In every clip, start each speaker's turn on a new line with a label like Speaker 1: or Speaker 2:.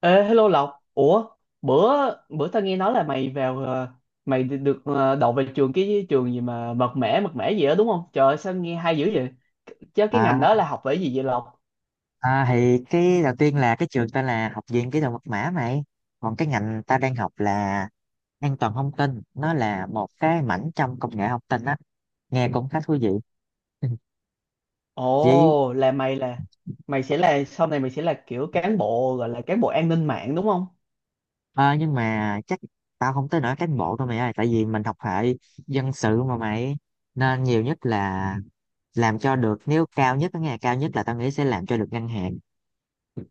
Speaker 1: Ê, hello Lộc. Ủa bữa bữa tao nghe nói là mày vào mày được được, ờ, đậu về trường, cái trường gì mà mật mẻ gì đó đúng không? Trời ơi, sao nghe hay dữ vậy? Chứ cái ngành đó
Speaker 2: À,
Speaker 1: là học về gì vậy Lộc?
Speaker 2: à, thì cái đầu tiên là cái trường tên là Học viện Kỹ thuật Mật mã mày. Còn cái ngành ta đang học là an toàn thông tin, nó là một cái mảnh trong công nghệ thông tin á, nghe cũng khá thú vị. Chỉ
Speaker 1: Ồ là mày sẽ là kiểu cán bộ, gọi là cán bộ an ninh mạng đúng không?
Speaker 2: ờ, nhưng mà chắc tao không tới nỗi cán bộ đâu mày ơi, tại vì mình học hệ dân sự mà mày, nên nhiều nhất là làm cho được, nếu cao nhất cái ngày cao nhất là tao nghĩ sẽ làm cho được ngân hàng,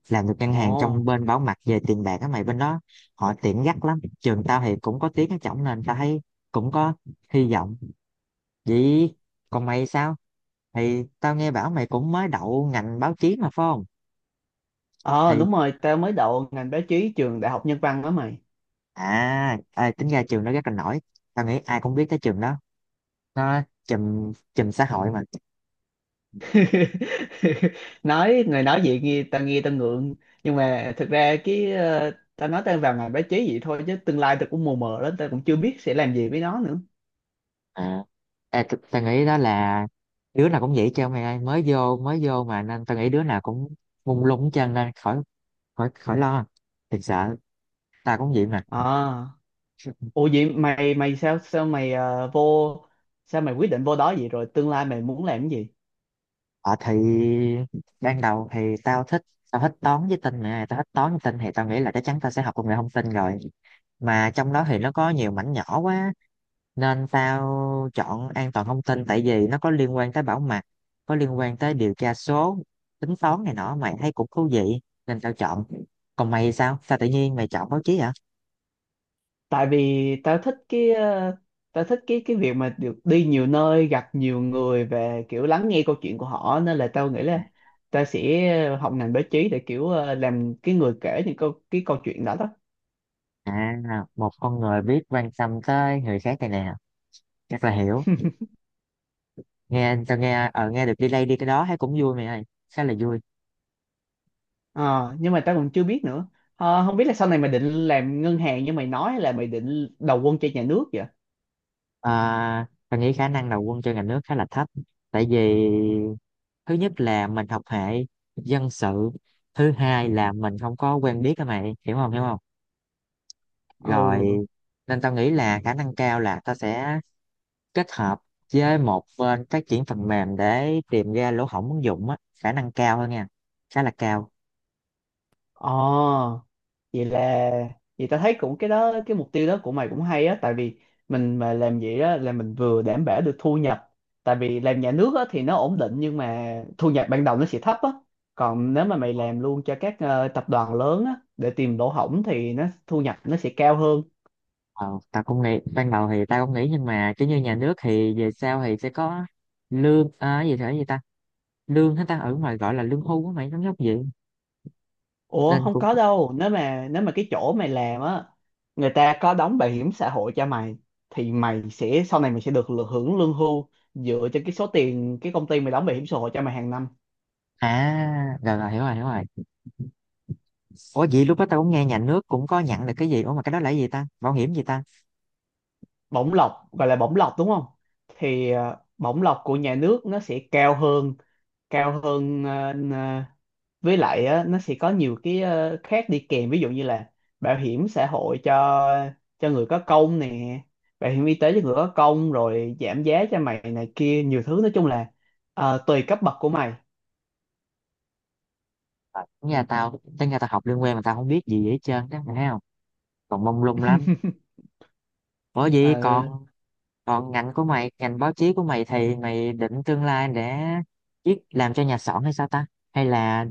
Speaker 2: làm được ngân hàng trong
Speaker 1: Ồ,
Speaker 2: bên bảo mật về tiền bạc á mày, bên đó họ tiện gắt lắm. Trường tao thì cũng có tiếng ở trỏng nên tao thấy cũng có hy vọng vậy. Còn mày sao, thì tao nghe bảo mày cũng mới đậu ngành báo chí mà phải không?
Speaker 1: ờ
Speaker 2: Thì
Speaker 1: đúng rồi, tao mới đậu ngành báo chí trường Đại học Nhân văn đó mày.
Speaker 2: à, tính ra trường đó rất là nổi, tao nghĩ ai cũng biết tới trường đó, nó chùm chùm xã hội mà.
Speaker 1: Nói người nói vậy nghe tao ngượng, nhưng mà thực ra cái tao nói tao vào ngành báo chí vậy thôi, chứ tương lai tao cũng mù mờ lắm, tao cũng chưa biết sẽ làm gì với nó nữa.
Speaker 2: à, Tao nghĩ đó là đứa nào cũng vậy chứ mày ơi, mới vô mà, nên tao nghĩ đứa nào cũng mông lung hết trơn, nên khỏi, khỏi lo, thiệt sợ, tao cũng vậy mà.
Speaker 1: À, ủa vậy mày mày sao sao mày ờ, vô sao mày quyết định vô đó vậy, rồi tương lai mày muốn làm cái gì?
Speaker 2: Ờ thì ban đầu thì tao thích toán với tin nè, tao thích toán với tin thì tao nghĩ là chắc chắn tao sẽ học công nghệ thông tin rồi. Mà trong đó thì nó có nhiều mảnh nhỏ quá nên tao chọn an toàn thông tin, tại vì nó có liên quan tới bảo mật, có liên quan tới điều tra số, tính toán này nọ, mày thấy cũng thú vị nên tao chọn. Còn mày sao sao tự nhiên mày chọn báo chí hả?
Speaker 1: Tại vì tao thích cái tao thích cái việc mà được đi nhiều nơi, gặp nhiều người và kiểu lắng nghe câu chuyện của họ, nên là tao nghĩ là tao sẽ học ngành báo chí để kiểu làm cái người kể những câu chuyện đó đó.
Speaker 2: À một con người biết quan tâm tới người khác này nè, chắc là hiểu. Nghe tao nghe ở nghe được đi đây đi cái đó thấy cũng vui mày ơi, khá là vui.
Speaker 1: Ờ, nhưng mà tao còn chưa biết nữa. Ờ, không biết là sau này mày định làm ngân hàng như mày nói hay là mày định đầu quân cho nhà nước vậy?
Speaker 2: À, mình nghĩ khả năng đầu quân cho ngành nước khá là thấp, tại vì thứ nhất là mình học hệ dân sự, thứ hai là mình không có quen biết các mày, hiểu không, hiểu không?
Speaker 1: Ừ.
Speaker 2: Rồi nên tao nghĩ là khả năng cao là tao sẽ kết hợp với một bên phát triển phần mềm để tìm ra lỗ hổng ứng dụng á, khả năng cao hơn nha, khá là cao.
Speaker 1: Ờ vậy là vậy ta thấy cũng cái đó cái mục tiêu đó của mày cũng hay á, tại vì mình mà làm vậy á là mình vừa đảm bảo được thu nhập, tại vì làm nhà nước á thì nó ổn định, nhưng mà thu nhập ban đầu nó sẽ thấp á. Còn nếu mà mày làm luôn cho các tập đoàn lớn á để tìm lỗ hổng thì nó thu nhập nó sẽ cao hơn.
Speaker 2: Ờ, tao cũng nghĩ, ban đầu thì tao cũng nghĩ nhưng mà kiểu như nhà nước thì về sau thì sẽ có lương à, gì thế gì ta, lương hết ta, ở ngoài gọi là lương hưu á mày, giống giống vậy
Speaker 1: Ủa,
Speaker 2: nên
Speaker 1: không
Speaker 2: cũng.
Speaker 1: có đâu, nếu mà cái chỗ mày làm á người ta có đóng bảo hiểm xã hội cho mày thì mày sẽ sau này mày sẽ được hưởng lương hưu dựa trên cái số tiền cái công ty mày đóng bảo hiểm xã hội cho mày hàng năm.
Speaker 2: À rồi rồi, hiểu rồi, hiểu rồi. Ủa vậy lúc đó tao cũng nghe nhà nước cũng có nhận được cái gì, ủa mà cái đó là cái gì ta, bảo hiểm gì ta?
Speaker 1: Bổng lộc, gọi là bổng lộc đúng không? Thì bổng lộc của nhà nước nó sẽ cao hơn, cao hơn ờ, với lại á, nó sẽ có nhiều cái khác đi kèm, ví dụ như là bảo hiểm xã hội cho người có công nè, bảo hiểm y tế cho người có công, rồi giảm giá cho mày này kia, nhiều thứ, nói chung là tùy cấp bậc của mày.
Speaker 2: Ờ, nhà tao tính ra tao học liên quan mà tao không biết gì hết trơn đó mày thấy không, còn mông lung lắm. Ủa vậy
Speaker 1: Ờ.
Speaker 2: còn, còn ngành của mày, ngành báo chí của mày thì mày định tương lai để viết, làm cho nhà xọn hay sao ta, hay là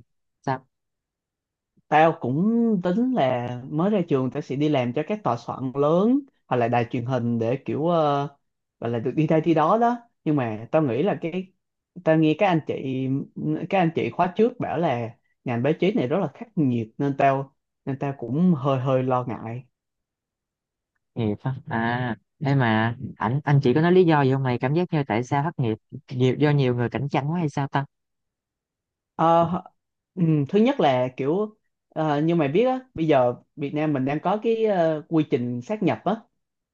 Speaker 1: Tao cũng tính là mới ra trường tao sẽ đi làm cho các tòa soạn lớn hoặc là đài truyền hình để kiểu gọi là được đi đây đi đó đó. Nhưng mà tao nghĩ là cái tao nghe các anh chị, các anh chị khóa trước bảo là ngành báo chí này rất là khắc nghiệt, nên tao cũng hơi hơi lo ngại.
Speaker 2: nghiệp á? À thế mà anh chỉ có nói lý do gì không? Mày cảm giác như tại sao thất nghiệp nhiều, do nhiều người cạnh tranh quá hay sao ta?
Speaker 1: Ờ, ừ, thứ nhất là kiểu như mày biết á, bây giờ Việt Nam mình đang có cái quy trình sát nhập á,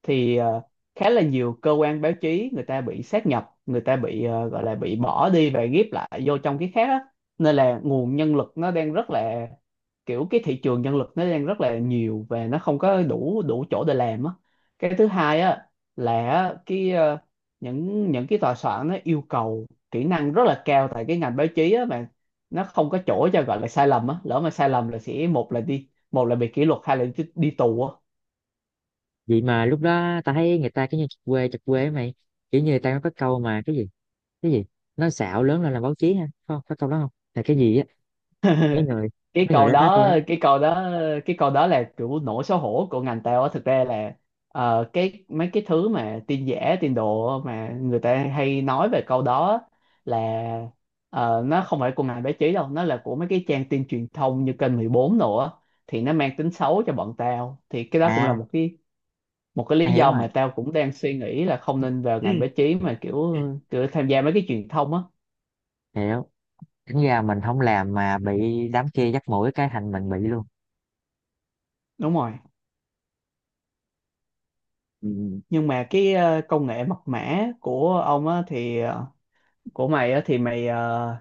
Speaker 1: thì khá là nhiều cơ quan báo chí người ta bị sát nhập, người ta bị gọi là bị bỏ đi và ghép lại vô trong cái khác á, nên là nguồn nhân lực nó đang rất là kiểu cái thị trường nhân lực nó đang rất là nhiều và nó không có đủ đủ chỗ để làm á. Cái thứ hai á là á, cái những cái tòa soạn nó yêu cầu kỹ năng rất là cao, tại cái ngành báo chí á mà nó không có chỗ cho gọi là sai lầm á, lỡ mà sai lầm là sẽ một là đi, một là bị kỷ luật, hai là đi tù á.
Speaker 2: Vậy mà lúc đó ta thấy người ta cứ như chật quê ấy mày, kiểu như người ta có câu mà cái gì, cái gì, nói xạo lớn lên là báo chí, ha, không có câu đó không, là cái gì á? mấy người
Speaker 1: cái
Speaker 2: Mấy người
Speaker 1: câu
Speaker 2: đó nói câu
Speaker 1: đó
Speaker 2: đó.
Speaker 1: cái câu đó cái câu đó là kiểu nỗi xấu hổ của ngành tao á, thực ra là cái mấy cái thứ mà tin giả tin đồ á, mà người ta hay nói về câu đó á, là nó không phải của ngành báo chí đâu, nó là của mấy cái trang tin truyền thông như kênh 14 nữa, thì nó mang tính xấu cho bọn tao, thì cái đó cũng là
Speaker 2: À
Speaker 1: một cái
Speaker 2: ta
Speaker 1: lý
Speaker 2: hiểu
Speaker 1: do
Speaker 2: rồi.
Speaker 1: mà tao cũng đang suy nghĩ là không nên vào
Speaker 2: Ừ,
Speaker 1: ngành báo chí mà kiểu kiểu tham gia mấy cái truyền thông á.
Speaker 2: hiểu. Tính ra mình không làm mà bị đám kia dắt mũi cái thành mình bị luôn.
Speaker 1: Đúng rồi.
Speaker 2: Ừ.
Speaker 1: Nhưng mà cái công nghệ mật mã của ông á thì ờ, của mày á thì mày ờ,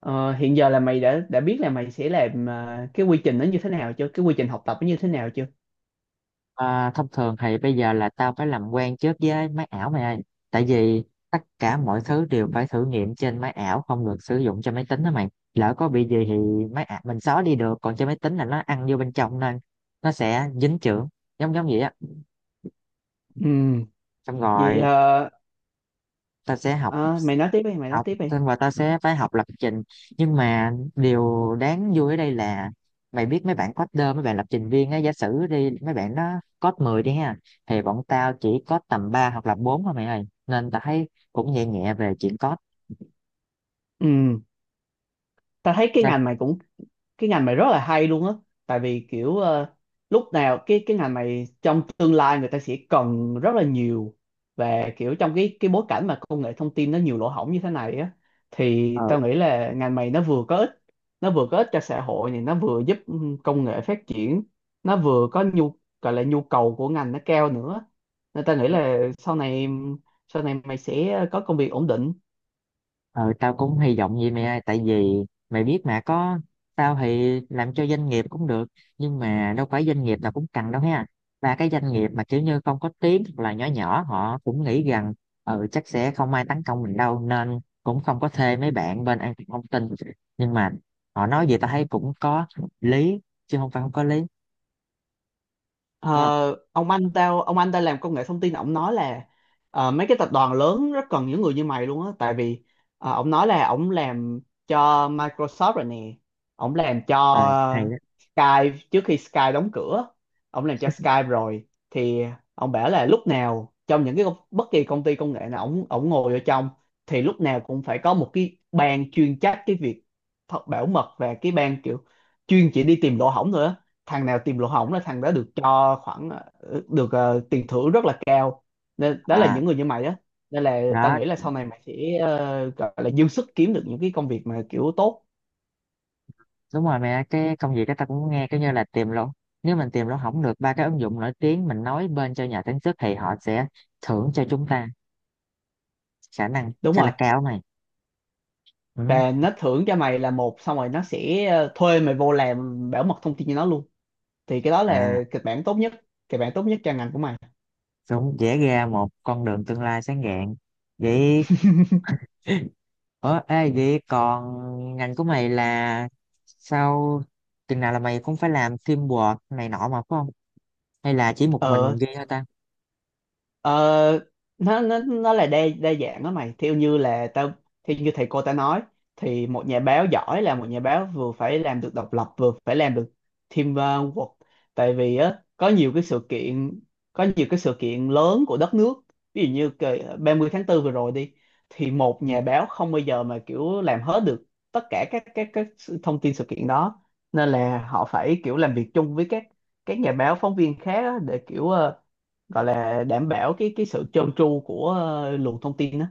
Speaker 1: ờ, hiện giờ là mày đã biết là mày sẽ làm cái quy trình nó như thế nào chưa, cái quy trình học tập nó như thế nào chưa?
Speaker 2: À, thông thường thì bây giờ là tao phải làm quen trước với máy ảo mày ơi, tại vì tất cả mọi thứ đều phải thử nghiệm trên máy ảo, không được sử dụng trên máy tính đó mày, lỡ có bị gì thì máy ảo mình xóa đi được, còn trên máy tính là nó ăn vô bên trong nên nó sẽ dính chưởng, giống giống vậy á.
Speaker 1: Ừ.
Speaker 2: Xong
Speaker 1: Vậy
Speaker 2: rồi tao sẽ học,
Speaker 1: ờ, mày nói tiếp đi mày nói
Speaker 2: học
Speaker 1: tiếp đi
Speaker 2: xong rồi ta sẽ phải học lập trình. Nhưng mà điều đáng vui ở đây là mày biết mấy bạn coder, mấy bạn lập trình viên á, giả sử đi, mấy bạn nó code 10 đi ha, thì bọn tao chỉ code tầm 3 hoặc là 4 thôi mày ơi, nên tao thấy cũng nhẹ nhẹ về chuyện code.
Speaker 1: Ừ, tao thấy
Speaker 2: Ra-
Speaker 1: cái ngành mày rất là hay luôn á, tại vì kiểu lúc nào cái ngành mày trong tương lai người ta sẽ cần rất là nhiều, và kiểu trong cái bối cảnh mà công nghệ thông tin nó nhiều lỗ hổng như thế này á, thì
Speaker 2: ờ ừ.
Speaker 1: tao nghĩ là ngành mày nó vừa có ích cho xã hội này, nó vừa giúp ừ, công nghệ phát triển, nó vừa có nhu gọi là nhu cầu của ngành nó cao nữa, nên tao nghĩ là sau này mày sẽ có công việc ổn định.
Speaker 2: Ờ, tao cũng hy vọng vậy mẹ ơi, tại vì mày biết mà có, tao thì làm cho doanh nghiệp cũng được, nhưng mà đâu phải doanh nghiệp nào cũng cần đâu ha. Và cái doanh nghiệp mà kiểu như không có tiếng hoặc là nhỏ nhỏ, họ cũng nghĩ rằng ừ chắc sẽ không ai tấn công mình đâu, nên cũng không có thuê mấy bạn bên an toàn thông tin. Nhưng mà họ nói gì tao thấy cũng có lý, chứ không phải không có lý, đúng không?
Speaker 1: Ờ, ông anh tao làm công nghệ thông tin, ông nói là mấy cái tập đoàn lớn rất cần những người như mày luôn á, tại vì ông nói là ông làm cho Microsoft rồi nè, ông làm cho
Speaker 2: Ờ, hay đó.
Speaker 1: Skype trước khi Skype đóng cửa, ông làm cho Skype rồi, thì ông bảo là lúc nào trong những bất kỳ công ty công nghệ nào ông ngồi ở trong thì lúc nào cũng phải có một cái ban chuyên trách cái việc thật bảo mật, và cái ban kiểu chuyên chỉ đi tìm lỗ hổng thôi á, thằng nào tìm lỗ hổng là thằng đó được cho khoảng tiền thưởng rất là cao, nên đó là
Speaker 2: À
Speaker 1: những người như mày á, nên là tao
Speaker 2: đó,
Speaker 1: nghĩ là sau này mày sẽ gọi là dư sức kiếm được những cái công việc mà kiểu tốt.
Speaker 2: đúng rồi mẹ, cái công việc đó ta cũng nghe, cái như là tìm luôn, nếu mình tìm luôn không được ba cái ứng dụng nổi tiếng, mình nói bên cho nhà sản xuất thì họ sẽ thưởng cho chúng ta, khả năng
Speaker 1: Đúng
Speaker 2: khá là
Speaker 1: rồi.
Speaker 2: cao này. Ừ.
Speaker 1: Và nó thưởng cho mày là một, xong rồi nó sẽ thuê mày vô làm bảo mật thông tin cho nó luôn, thì cái đó
Speaker 2: À
Speaker 1: là kịch bản tốt nhất cho ngành của mày.
Speaker 2: cũng vẽ ra một con đường tương lai sáng rạng vậy. Ủa ê vậy còn ngành của mày là sau chừng nào là mày cũng phải làm teamwork này nọ mà phải không, hay là chỉ một mình
Speaker 1: Ờ.
Speaker 2: ghi thôi ta?
Speaker 1: Ờ, nó là đa đa dạng đó mày, theo như là tao theo như thầy cô ta nói thì một nhà báo giỏi là một nhà báo vừa phải làm được độc lập vừa phải làm được teamwork, tại vì á có nhiều cái sự kiện lớn của đất nước, ví dụ như cái 30 tháng 4 vừa rồi đi, thì một nhà báo không bao giờ mà kiểu làm hết được tất cả thông tin sự kiện đó, nên là họ phải kiểu làm việc chung với các nhà báo phóng viên khác á, để kiểu gọi là đảm bảo cái sự trơn tru của luồng thông tin đó.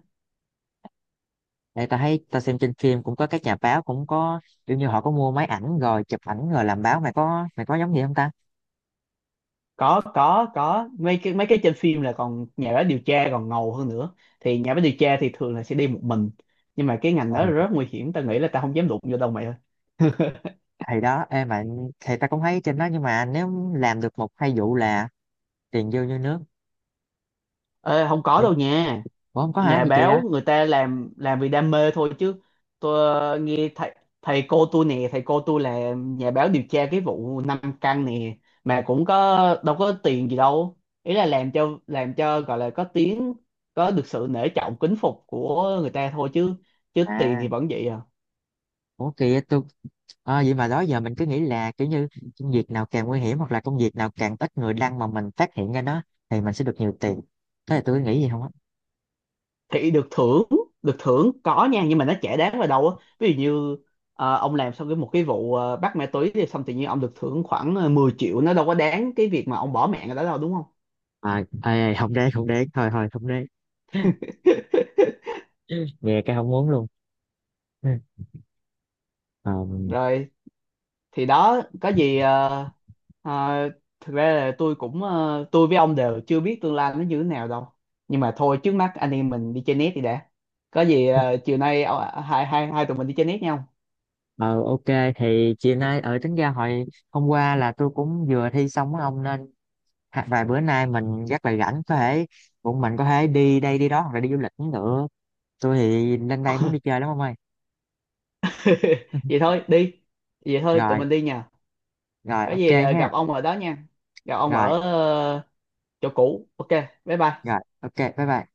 Speaker 2: Đây ta thấy ta xem trên phim cũng có các nhà báo cũng có kiểu như họ có mua máy ảnh rồi chụp ảnh rồi làm báo, mày có, mày có giống gì không ta?
Speaker 1: Có, mấy cái trên phim là còn nhà báo điều tra còn ngầu hơn nữa, thì nhà báo điều tra thì thường là sẽ đi một mình, nhưng mà cái ngành đó
Speaker 2: Rồi
Speaker 1: là rất nguy hiểm, tao nghĩ là tao không dám đụng vô đâu mày ơi.
Speaker 2: thì đó em mà, thì ta cũng thấy trên đó, nhưng mà nếu làm được một hai vụ là tiền vô như nước.
Speaker 1: Ê, không có
Speaker 2: nhưng
Speaker 1: đâu nha,
Speaker 2: Ủa không có hả,
Speaker 1: nhà
Speaker 2: gì
Speaker 1: báo
Speaker 2: kìa?
Speaker 1: người ta làm vì đam mê thôi chứ. Tôi ờ, nghe thầy thầy cô tôi nè, thầy cô tôi là nhà báo điều tra cái vụ năm căn nè, mà cũng có đâu có tiền gì đâu, ý là làm cho gọi là có tiếng, có được sự nể trọng kính phục của người ta thôi chứ, chứ tiền
Speaker 2: à
Speaker 1: thì vẫn vậy à.
Speaker 2: Ủa kìa tôi. Ờ, vậy mà đó giờ mình cứ nghĩ là kiểu như công việc nào càng nguy hiểm hoặc là công việc nào càng ít người đăng mà mình phát hiện ra nó, thì mình sẽ được nhiều tiền, thế là tôi nghĩ gì không á?
Speaker 1: Thì được thưởng có nha, nhưng mà nó chả đáng vào đâu á, ví dụ như ông làm xong một cái vụ bắt ma túy thì xong tự nhiên ông được thưởng khoảng 10 triệu, nó đâu có đáng cái việc mà ông bỏ mạng ở đó đâu đúng không?
Speaker 2: À, ê, ê, không đến, không đến, thôi thôi không đến. Nghe cái không muốn luôn. Ừ. Ờ,
Speaker 1: Rồi, thì đó, có gì ờ, thực ra là tôi cũng ờ, tôi với ông đều chưa biết tương lai nó như thế nào đâu, nhưng mà thôi trước mắt anh em mình đi chơi net đi đã, có gì chiều nay ờ, hai hai hai tụi mình đi chơi net nhau.
Speaker 2: Ờ ok, thì chiều nay, ở tính ra hồi hôm qua là tôi cũng vừa thi xong á ông nên vài bữa nay mình rất là rảnh, có thể bọn mình có thể đi đây đi đó hoặc là đi du lịch cũng được, tôi thì lên đây muốn đi chơi lắm ông ơi.
Speaker 1: Vậy thôi đi, vậy thôi tụi
Speaker 2: Rồi,
Speaker 1: mình đi nha,
Speaker 2: rồi
Speaker 1: có
Speaker 2: ok
Speaker 1: gì
Speaker 2: ha.
Speaker 1: gặp ông ở đó nha, gặp ông
Speaker 2: Rồi
Speaker 1: ở ờ, chỗ cũ, ok, bye bye.
Speaker 2: rồi ok, bye bye.